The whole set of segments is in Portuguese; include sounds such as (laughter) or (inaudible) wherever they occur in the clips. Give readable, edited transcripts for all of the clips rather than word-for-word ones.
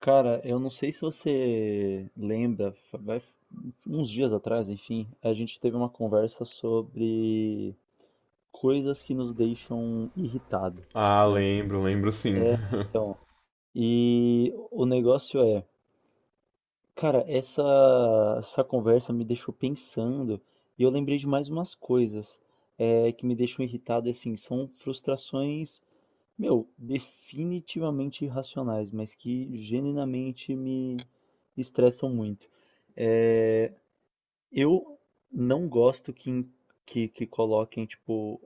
Cara, eu não sei se você lembra, uns dias atrás, enfim, a gente teve uma conversa sobre coisas que nos deixam irritado, Ah, né? lembro, lembro sim. (laughs) Então, e o negócio é, cara, essa conversa me deixou pensando e eu lembrei de mais umas coisas, que me deixam irritado, e, assim, são frustrações, meu, definitivamente irracionais, mas que genuinamente me estressam muito. Eu não gosto que coloquem, tipo,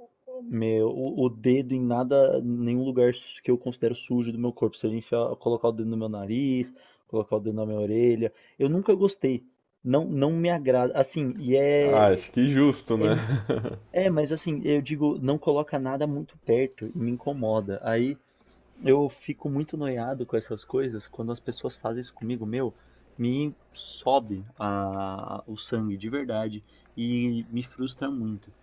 meu, o dedo em nada, nenhum lugar que eu considero sujo do meu corpo. Se eu enfiar, colocar o dedo no meu nariz, colocar o dedo na minha orelha. Eu nunca gostei. Não, não me agrada. Assim, e Ah, é, acho que justo, é. né? É, mas assim, eu digo, não coloca nada muito perto e me incomoda. Aí eu fico muito noiado com essas coisas quando as pessoas fazem isso comigo, meu, me sobe o sangue de verdade e me frustra muito.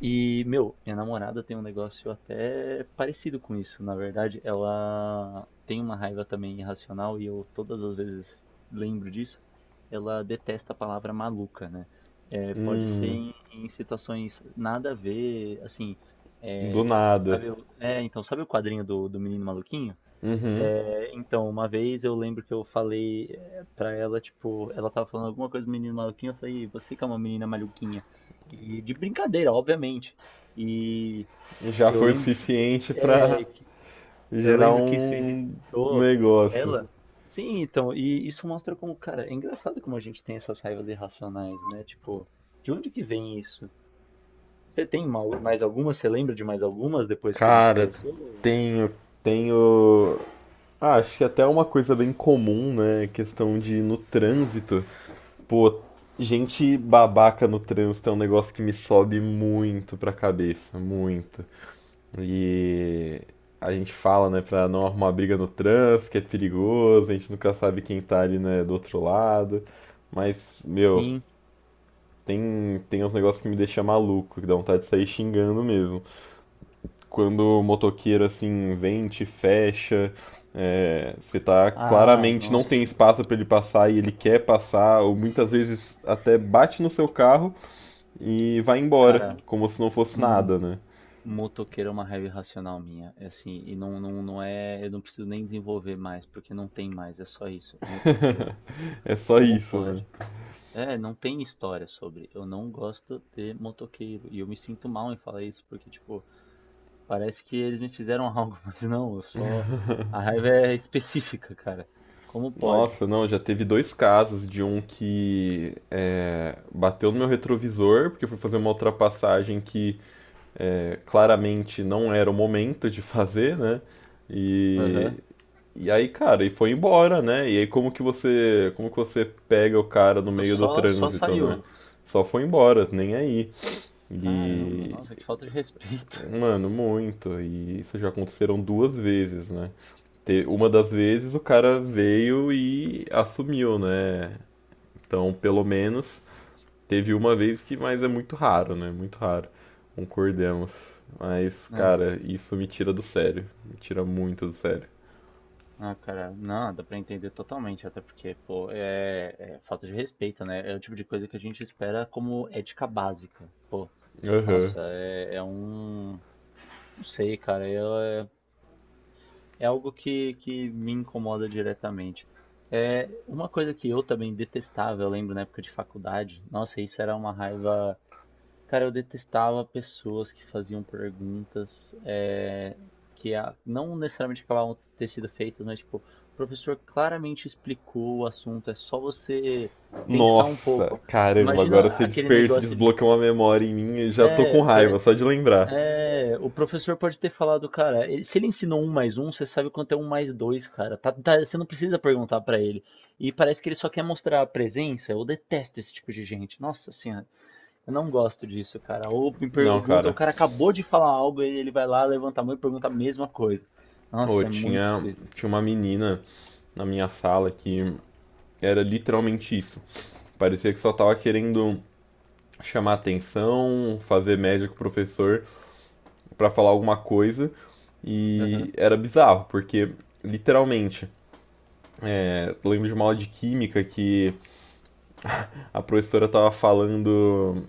E, meu, minha namorada tem um negócio até parecido com isso. Na verdade, ela tem uma raiva também irracional e eu todas as vezes lembro disso. Ela detesta a palavra maluca, né? É, (laughs) pode ser Hum, em situações nada a ver, assim, do é, nada. sabe, então, sabe o quadrinho do Menino Maluquinho? Uhum. É, então, uma vez eu lembro que eu falei, pra ela, tipo, ela tava falando alguma coisa do Menino Maluquinho, eu falei, você que é uma menina maluquinha. E de brincadeira, obviamente. E Já eu foi o lembro de, suficiente pra é, que- eu gerar lembro que isso um irritou negócio. ela. Sim, então, e isso mostra como, cara, é engraçado como a gente tem essas raivas irracionais, né? Tipo, de onde que vem isso? Você tem mais algumas? Você lembra de mais algumas depois que a gente Cara, conversou? tenho, tenho. Ah, acho que até uma coisa bem comum, né? Questão de ir no trânsito. Pô, gente babaca no trânsito é um negócio que me sobe muito pra cabeça, muito. E a gente fala, né, pra não arrumar briga no trânsito, que é perigoso, a gente nunca sabe quem tá ali, né, do outro lado. Mas, meu, Sim. tem uns negócios que me deixam maluco, que dá vontade de sair xingando mesmo. Quando o motoqueiro, assim, vem, te fecha, você tá Ah, claramente não tem nossa, espaço pra ele passar e ele quer passar, ou muitas vezes até bate no seu carro e vai embora, cara. como se não fosse hum, nada, né? Motoqueiro é uma raiva irracional minha, é assim, e não, não, não é, eu não preciso nem desenvolver mais, porque não tem mais, é só isso, motoqueiro. É só Como isso, né? pode? É, não tem história sobre, eu não gosto de motoqueiro, e eu me sinto mal em falar isso, porque, tipo, parece que eles me fizeram algo, (laughs) mas não, eu só, a raiva é específica, cara, como pode? Nossa, não, já teve dois casos de um que bateu no meu retrovisor, porque eu fui fazer uma ultrapassagem que claramente não era o momento de (laughs) fazer, né? E, Aham. e aí, cara, e foi embora, né? E aí como que você pega o cara no Nossa, meio do só trânsito, né? saiu. Só foi embora, nem aí. Caramba, E, nossa, que falta de respeito, (laughs) Mano, muito. E isso já aconteceram duas vezes, né? Uma das vezes o cara veio e assumiu, né? Então, pelo menos, teve uma vez que, mas é muito raro, né? Muito raro. Concordemos. Mas, né? cara, isso me tira do sério. Me tira muito do sério. Ah, cara, não, dá pra entender totalmente, até porque, pô, é falta de respeito, né? É o tipo de coisa que a gente espera como ética básica. Pô, Aham. nossa, é um. Não sei, cara, é algo que me incomoda diretamente. É uma coisa que eu também detestava, eu lembro na época de faculdade, nossa, isso era uma raiva. Cara, eu detestava pessoas que faziam perguntas, que não necessariamente acabavam de ter sido feitas, mas tipo, o professor claramente explicou o assunto, é só você pensar um Nossa, pouco. caramba, agora Imagina você aquele desperta, negócio de. desbloqueou uma memória em mim e já tô com É, raiva, pare- só de lembrar. O professor pode ter falado, cara, se ele ensinou um mais um, você sabe quanto é um mais dois, cara. Você não precisa perguntar pra ele. E parece que ele só quer mostrar a presença. Eu detesto esse tipo de gente. Nossa senhora. Eu não gosto disso, cara. Ou me Não, pergunta, o cara. cara acabou de falar algo e ele vai lá, levanta a mão e pergunta a mesma coisa. Oh, Nossa, é muito. Tinha uma menina na minha sala que era literalmente isso. Parecia que só tava querendo chamar atenção, fazer média com o professor, para falar alguma coisa, Aham, e era bizarro, porque literalmente, lembro de uma aula de química que a professora tava falando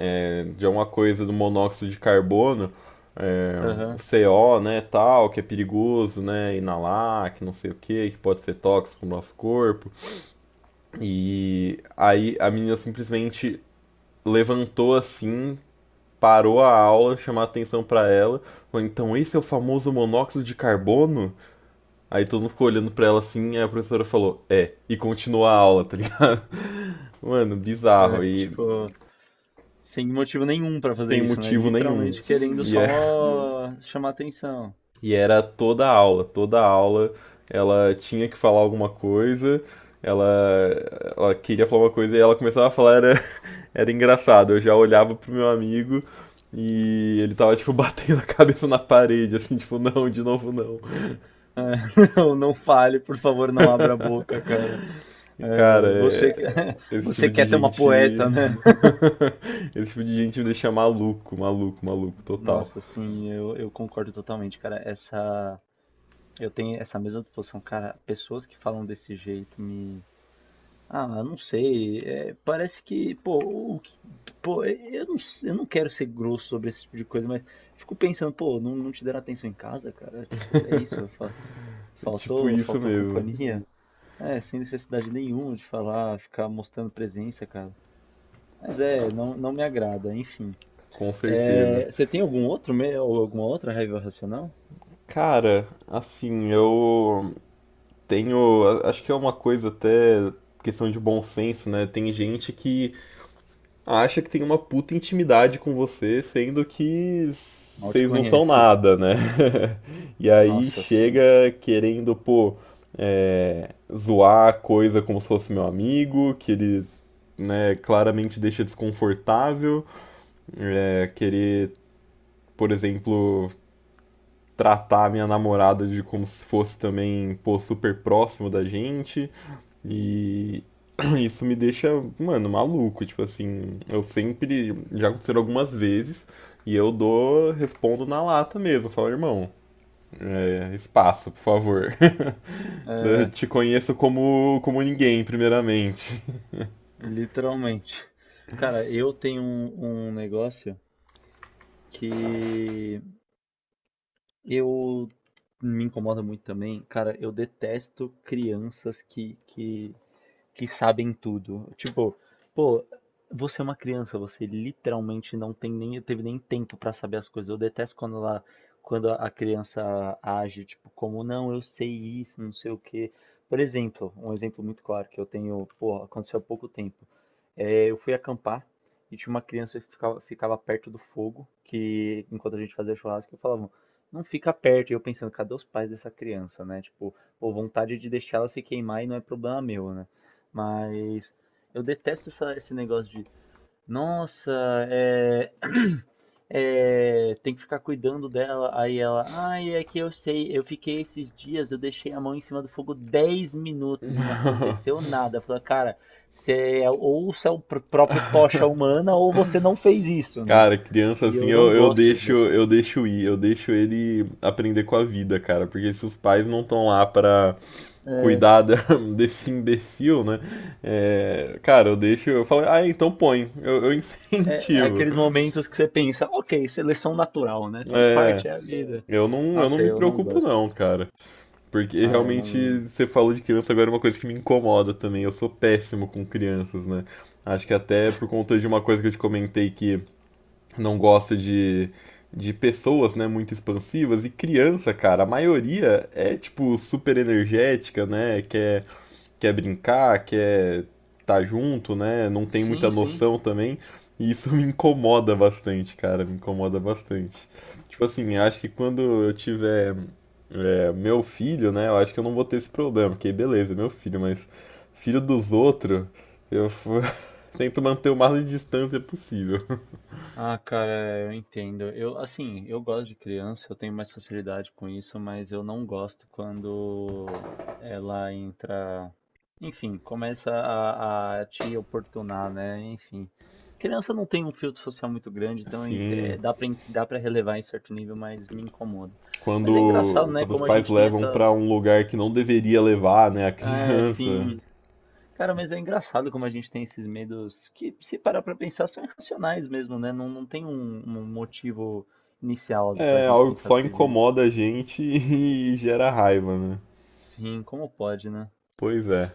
de alguma coisa do monóxido de carbono, é, aham. CO, né, tal, que é perigoso, né, inalar, que não sei o que, que pode ser tóxico pro nosso corpo. E aí a menina simplesmente levantou assim, parou a aula, chamou a atenção para ela, falou, então esse é o famoso monóxido de carbono? Aí todo mundo ficou olhando pra ela assim, aí a professora falou, é, e continua a aula, (laughs) tá ligado? Mano, É, bizarro, e tipo, sem motivo nenhum pra fazer sem isso, né? motivo nenhum. Literalmente querendo E, é, só chamar atenção. e era toda a aula ela tinha que falar alguma coisa, ela, ela queria falar uma coisa e ela começava a falar, era, (laughs) era engraçado. Eu já olhava pro meu amigo e ele tava, tipo, (laughs) batendo a cabeça na parede, assim, tipo, não, de novo não. (laughs) Não, não fale, por favor, não abra a boca, cara. Cara, É, é- (laughs) Esse você tipo de quer ter uma gente. poeta, né? (laughs) Esse tipo de gente me deixa maluco, maluco, maluco, total. Nossa, sim, eu concordo totalmente, cara. Essa, eu tenho essa mesma disposição, cara. Pessoas que falam desse jeito me. Ah, não sei. Parece que, pô, o que- pô, é, eu não, s- eu não quero ser grosso sobre esse tipo de coisa, mas fico pensando, pô, não, não te deram atenção em casa, cara? Tipo, é isso, É tipo faltou, isso faltou mesmo, companhia? É, sem necessidade nenhuma de falar, ficar mostrando presença, cara. Mas é, não, não me agrada, enfim. com certeza. É, você tem algum outro, ou alguma outra raiva racional? Cara, assim, eu tenho. Acho que é uma coisa até questão de bom senso, né? Tem gente que acha que tem uma puta intimidade com você, sendo que Mal te vocês não são conhece. nada, né? (laughs) E aí Nossa, sim. chega querendo, pô, zoar a coisa como se fosse meu amigo, que ele, né, claramente deixa desconfortável, querer, por exemplo, tratar a minha namorada de como se fosse também, pô, super próximo da gente. E (clears throat) isso me deixa, mano, maluco. Tipo assim, eu sempre. Já aconteceu algumas vezes. E eu dou, respondo na lata mesmo. Falo, irmão, espaço, por favor. (laughs) Eu É, te conheço como, como ninguém, primeiramente. literalmente. Cara, eu tenho um negócio. Que eu me incomoda muito também, cara, eu detesto crianças que sabem tudo. Tipo, pô, você é uma criança, você literalmente não tem nem, teve nem tempo pra saber as coisas. Eu detesto quando ela, quando a criança age, tipo, como, não, eu sei isso, não sei o quê. Por exemplo, um exemplo muito claro que eu tenho, pô, aconteceu há pouco tempo. É, eu fui acampar e tinha uma criança que ficava perto do fogo, que enquanto a gente fazia churrasco, eu falava, não fica perto. E eu pensando, cadê os pais dessa criança, né? Tipo, pô, vontade de deixar ela se queimar e não é problema meu, né? Mas eu detesto esse negócio de, nossa, é, (clears throat) tem que ficar cuidando dela. Aí ela, ai, é que eu sei, eu fiquei esses dias, eu deixei a mão em cima do fogo 10 minutos e não aconteceu nada. Eu falo, cara, ou você é o próprio tocha humana ou você não fez isso, né? Cara, criança E assim, eu não gosto disso. eu deixo ir, eu deixo ele aprender com a vida, cara, porque se os pais não estão lá pra cuidar da- (laughs) desse imbecil, né? É, cara, eu deixo, eu falo, ah, então põe, eu (laughs) É incentivo. aqueles momentos que você pensa, ok, seleção natural, né? Faz É, parte, é a vida. eu não, eu não Nossa, me eu não preocupo gosto. não, cara, porque Ah, eu realmente não. você falou de criança agora é uma coisa que me incomoda também. Eu sou péssimo com crianças, né? Acho que até por conta de uma coisa que eu te comentei que não gosto de pessoas, né, muito expansivas. E criança, cara, a maioria é, tipo, super energética, né? Quer, quer brincar, quer tá junto, né? Não tem Sim, muita sim. noção também. E isso (laughs) me incomoda bastante, cara. Me incomoda bastante. Tipo assim, acho que quando eu tiver meu filho, né? Eu acho que eu não vou ter esse problema. Porque beleza, é meu filho, mas filho dos outros, eu f- (laughs) tento manter o máximo de distância possível. Ah, cara, eu entendo. Eu, assim, eu gosto de criança, eu tenho mais facilidade com isso, mas eu não gosto quando ela entra, enfim, começa a te oportunar, né? Enfim, criança não tem um filtro social muito grande, então Sim. Dá pra relevar em certo nível, mas me incomoda. Mas é engraçado, né? Quando os Como a pais gente tem levam pra essas. um lugar que não deveria levar, né, a É, criança. sim. Cara, mas é engraçado como a gente tem esses medos que, se parar pra pensar, são irracionais mesmo, né? Não, não tem um motivo inicial pra É gente algo que pensar só desse jeito. incomoda a gente (laughs) e gera raiva, né? Sim, como pode, né? Pois é.